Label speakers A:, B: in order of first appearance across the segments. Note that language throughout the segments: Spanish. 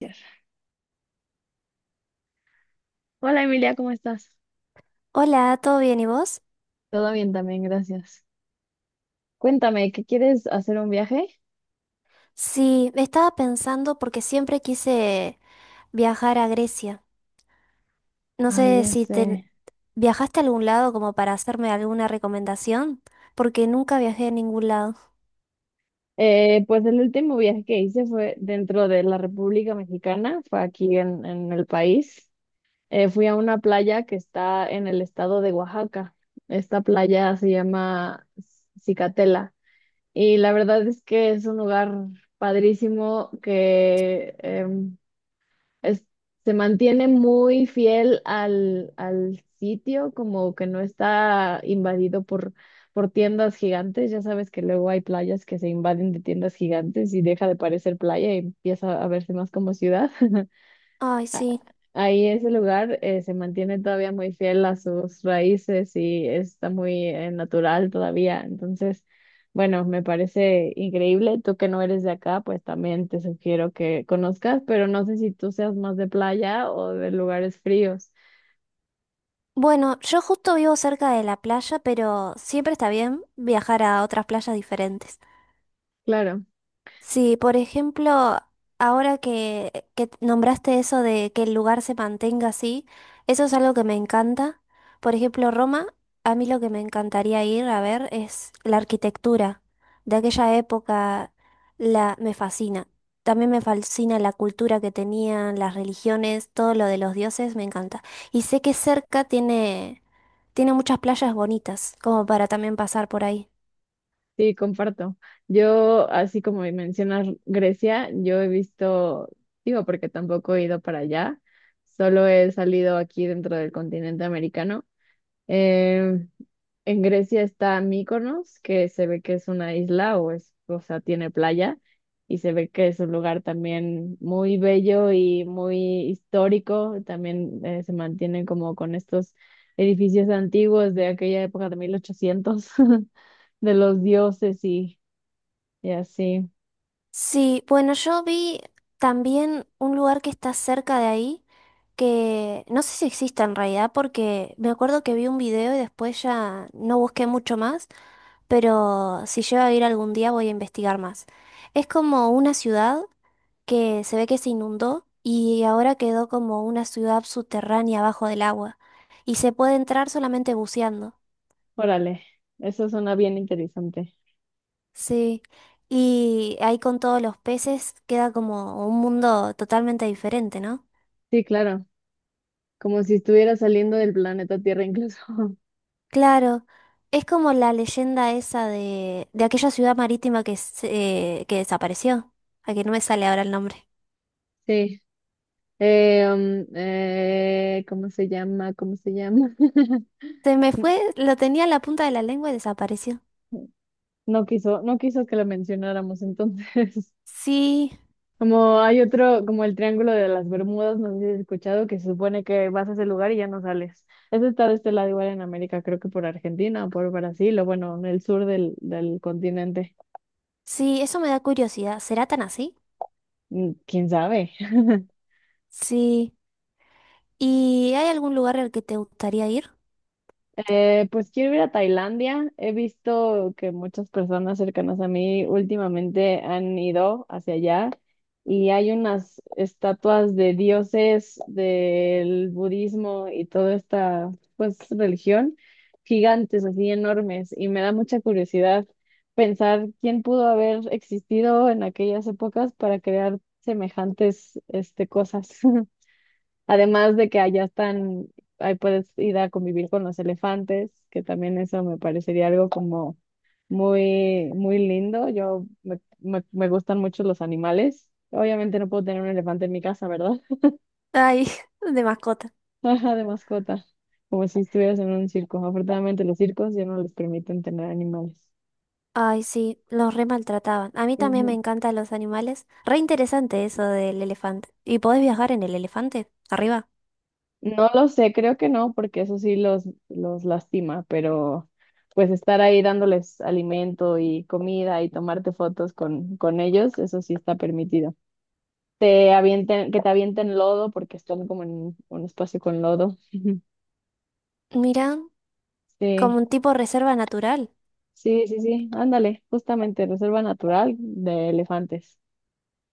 A: Gracias. Hola Emilia, ¿cómo estás?
B: Hola, ¿todo bien y vos?
A: Todo bien también, gracias. Cuéntame, ¿qué quieres hacer un viaje?
B: Sí, estaba pensando porque siempre quise viajar a Grecia. No
A: Ay,
B: sé
A: ya
B: si
A: sé.
B: te viajaste a algún lado como para hacerme alguna recomendación, porque nunca viajé a ningún lado.
A: Pues el último viaje que hice fue dentro de la República Mexicana, fue aquí en el país. Fui a una playa que está en el estado de Oaxaca. Esta playa se llama Cicatela y la verdad es que es un lugar padrísimo que es- se mantiene muy fiel al sitio, como que no está invadido por tiendas gigantes. Ya sabes que luego hay playas que se invaden de tiendas gigantes y deja de parecer playa y empieza a verse más como ciudad.
B: Ay, sí.
A: Ahí ese lugar se mantiene todavía muy fiel a sus raíces y está muy natural todavía. Entonces, bueno, me parece increíble. Tú que no eres de acá, pues también te sugiero que conozcas, pero no sé si tú seas más de playa o de lugares fríos.
B: Bueno, yo justo vivo cerca de la playa, pero siempre está bien viajar a otras playas diferentes.
A: Claro,
B: Sí, por ejemplo, ahora que nombraste eso de que el lugar se mantenga así, eso es algo que me encanta. Por ejemplo, Roma, a mí lo que me encantaría ir a ver es la arquitectura de aquella época, la, me fascina. También me fascina la cultura que tenían, las religiones, todo lo de los dioses, me encanta. Y sé que tiene muchas playas bonitas, como para también pasar por ahí.
A: sí, comparto. Yo, así como mencionas Grecia, yo he visto, digo, porque tampoco he ido para allá, solo he salido aquí dentro del continente americano. Em, En Grecia está Mykonos, que se ve que es una isla o es, o sea, tiene playa y se ve que es un lugar también muy bello y muy histórico. También se mantiene como con estos edificios antiguos de aquella época de 1800 de los dioses y así.
B: Sí, bueno, yo vi también un lugar que está cerca de ahí, que no sé si existe en realidad, porque me acuerdo que vi un video y después ya no busqué mucho más, pero si llego a ir algún día voy a investigar más. Es como una ciudad que se ve que se inundó y ahora quedó como una ciudad subterránea bajo del agua y se puede entrar solamente buceando.
A: Órale, eso suena bien interesante.
B: Sí, y ahí con todos los peces queda como un mundo totalmente diferente, ¿no?
A: Sí, claro, como si estuviera saliendo del planeta Tierra incluso.
B: Claro, es como la leyenda esa de aquella ciudad marítima que, que desapareció, a que no me sale ahora el nombre.
A: Sí. ¿Cómo se llama? ¿Cómo se llama?
B: Se me fue, lo tenía en la punta de la lengua y desapareció.
A: No quiso que lo mencionáramos entonces.
B: Sí,
A: Como hay otro, como el Triángulo de las Bermudas, no sé si has escuchado, que se supone que vas a ese lugar y ya no sales. Ese está de este lado igual en América, creo que por Argentina o por Brasil, o bueno, en el sur del continente.
B: sí, eso me da curiosidad. ¿Será tan así?
A: Mm, ¿quién sabe?
B: Sí. ¿Y hay algún lugar al que te gustaría ir?
A: Pues quiero ir a Tailandia. He visto que muchas personas cercanas a mí últimamente han ido hacia allá y hay unas estatuas de dioses del budismo y toda esta pues religión gigantes, así enormes, y me da mucha curiosidad pensar quién pudo haber existido en aquellas épocas para crear semejantes este cosas. Además de que allá están, ahí puedes ir a convivir con los elefantes, que también eso me parecería algo como muy, muy lindo. Me gustan mucho los animales. Obviamente no puedo tener un elefante en mi casa, ¿verdad?
B: Ay, de mascota.
A: Ajá, de mascota, como si estuvieras en un circo. Afortunadamente los circos ya no les permiten tener animales.
B: Ay, sí, los re maltrataban. A mí también me encantan los animales. Re interesante eso del elefante. ¿Y podés viajar en el elefante? Arriba.
A: No lo sé, creo que no, porque eso sí los lastima, pero pues estar ahí dándoles alimento y comida y tomarte fotos con ellos, eso sí está permitido. Te avienten, que te avienten lodo porque están como en un espacio con lodo.
B: Mira. Como
A: Sí,
B: un tipo reserva natural.
A: sí, sí, sí, ándale, justamente, reserva natural de elefantes.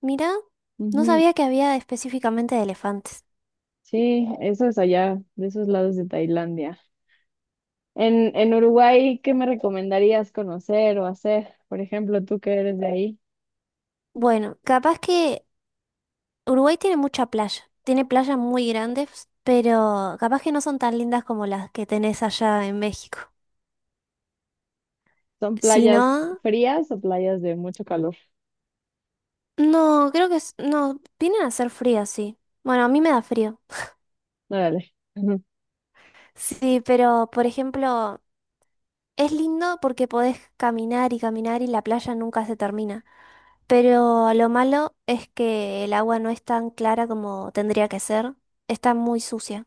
B: Mira, no
A: Ujú.
B: sabía que había específicamente de elefantes.
A: Sí, eso es allá, de esos lados de Tailandia. En Uruguay, ¿qué me recomendarías conocer o hacer? Por ejemplo, tú que eres de ahí.
B: Bueno, capaz que Uruguay tiene mucha playa. Tiene playas muy grandes, pero capaz que no son tan lindas como las que tenés allá en México.
A: ¿Son
B: Si
A: playas
B: no,
A: frías o playas de mucho calor?
B: no, creo que no, vienen a ser frías, sí. Bueno, a mí me da frío.
A: Órale. Ujú.
B: Sí, pero por ejemplo, es lindo porque podés caminar y caminar y la playa nunca se termina. Pero lo malo es que el agua no es tan clara como tendría que ser. Está muy sucia.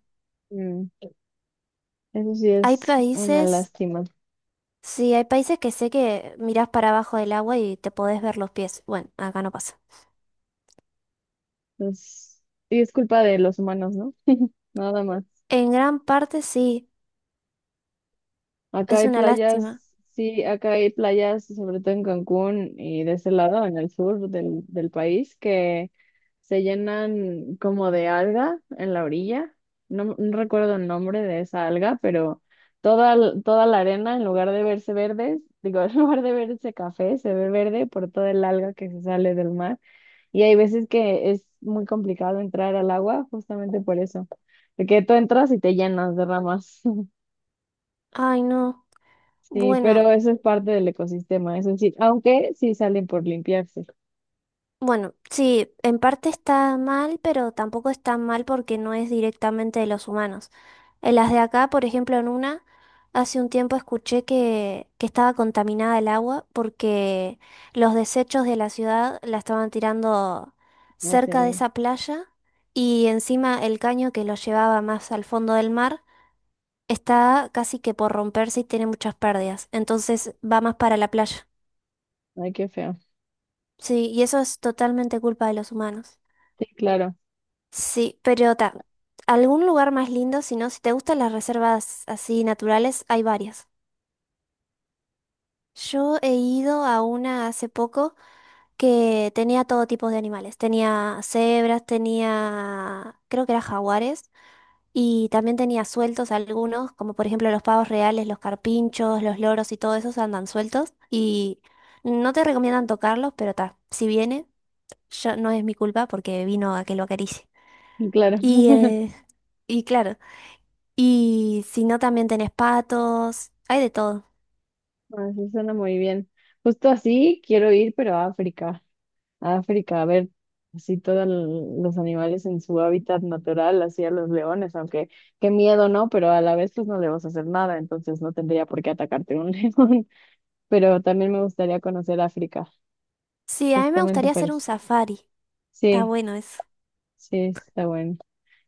A: Mm, eso sí
B: Hay
A: es una
B: países,
A: lástima.
B: sí, hay países que sé que mirás para abajo del agua y te podés ver los pies. Bueno, acá no pasa.
A: Pues, y es culpa de los humanos, ¿no? Nada más.
B: En gran parte sí,
A: Acá
B: es
A: hay
B: una lástima.
A: playas, sí, acá hay playas, sobre todo en Cancún y de ese lado, en el sur del país, que se llenan como de alga en la orilla. No recuerdo el nombre de esa alga, pero toda la arena, en lugar de verse verde, digo, en lugar de verse café, se ve verde por toda el alga que se sale del mar. Y hay veces que es muy complicado entrar al agua justamente por eso, porque tú entras y te llenas de ramas.
B: Ay, no.
A: Sí,
B: Bueno,
A: pero eso es parte del ecosistema, eso sí, aunque sí salen por limpiarse,
B: Bueno, sí, en parte está mal, pero tampoco está mal porque no es directamente de los humanos. En las de acá, por ejemplo, en una, hace un tiempo escuché que estaba contaminada el agua porque los desechos de la ciudad la estaban tirando
A: o sea,
B: cerca de esa playa y encima el caño que lo llevaba más al fondo del mar está casi que por romperse y tiene muchas pérdidas. Entonces va más para la playa.
A: ay, qué feo.
B: Sí, y eso es totalmente culpa de los humanos.
A: Sí, claro,
B: Sí, pero algún lugar más lindo, si no, si te gustan las reservas así naturales, hay varias. Yo he ido a una hace poco que tenía todo tipo de animales. Tenía cebras, tenía, creo que eran jaguares, y también tenía sueltos algunos, como por ejemplo los pavos reales, los carpinchos, los loros y todo esos andan sueltos. Y no te recomiendan tocarlos, pero ta, si viene, yo, no es mi culpa porque vino a que lo acaricie.
A: sí, claro.
B: Y, eh, y claro. Y si no, también tenés patos, hay de todo.
A: Ah, eso suena muy bien. Justo así quiero ir, pero a África, a África, a ver así todos los animales en su hábitat natural, así a los leones, aunque qué miedo, ¿no? Pero a la vez pues no le vas a hacer nada, entonces no tendría por qué atacarte un león, pero también me gustaría conocer África,
B: Sí, a mí me
A: justamente
B: gustaría
A: por
B: hacer un
A: eso.
B: safari. Está
A: Sí,
B: bueno eso.
A: sí, está bueno.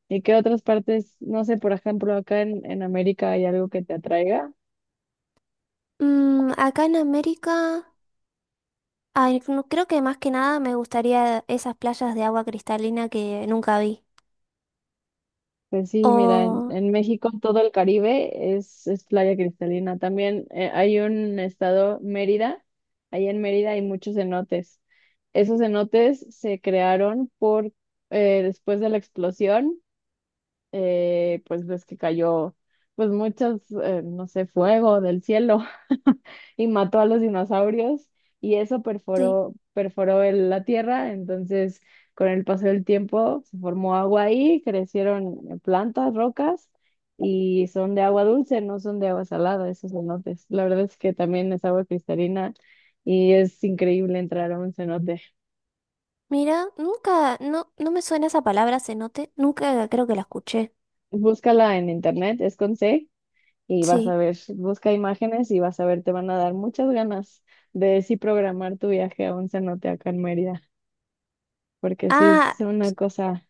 A: ¿Y qué otras partes, no sé, por ejemplo, acá en América hay algo que te atraiga?
B: Acá en América, ay, creo que más que nada me gustaría esas playas de agua cristalina que nunca vi.
A: Pues sí, mira, en,
B: O,
A: en México todo el Caribe es playa cristalina. También hay un estado, Mérida, ahí en Mérida hay muchos cenotes. Esos cenotes se crearon después de la explosión. Pues ves que cayó pues muchos, no sé, fuego del cielo y mató a los dinosaurios y eso
B: sí,
A: perforó la tierra, entonces con el paso del tiempo se formó agua ahí, crecieron plantas, rocas y son de agua dulce, no son de agua salada, esos cenotes. La verdad es que también es agua cristalina y es increíble entrar a un cenote.
B: mira, nunca, no, no me suena esa palabra cenote, nunca creo que la escuché.
A: Búscala en internet, es con C y vas a
B: Sí.
A: ver, busca imágenes y vas a ver, te van a dar muchas ganas de sí programar tu viaje a un cenote acá en Mérida, porque sí es
B: Ah,
A: una cosa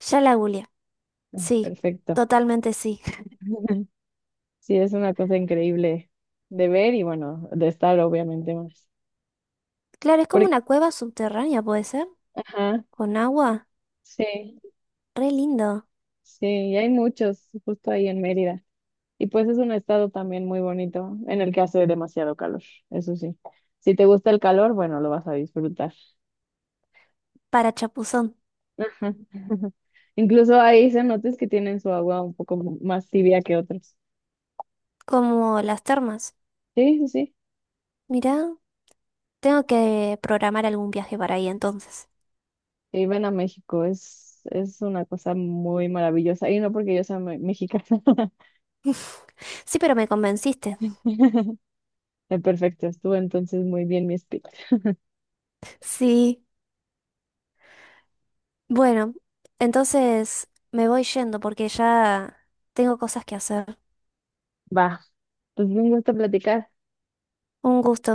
B: ya la googleé. Sí,
A: perfecto.
B: totalmente sí.
A: Sí es una cosa increíble de ver y bueno, de estar obviamente más.
B: Claro, es como
A: Porque,
B: una cueva subterránea, ¿puede ser?
A: ajá,
B: Con agua.
A: sí,
B: Re lindo.
A: sí, y hay muchos justo ahí en Mérida. Y pues es un estado también muy bonito en el que hace demasiado calor, eso sí. Si te gusta el calor, bueno, lo vas a disfrutar.
B: Para chapuzón.
A: Ujú. Incluso hay cenotes que tienen su agua un poco más tibia que otros.
B: Como las termas.
A: Sí, sí, sí.
B: Mirá, tengo que programar algún viaje para ahí entonces.
A: Y ven a México, es una cosa muy maravillosa. Y no porque yo sea mexicana.
B: Sí, pero me convenciste.
A: Perfecto, estuvo entonces muy bien mi speech.
B: Sí, bueno, entonces me voy yendo porque ya tengo cosas que hacer.
A: Va, pues me gusta platicar.
B: Un gusto.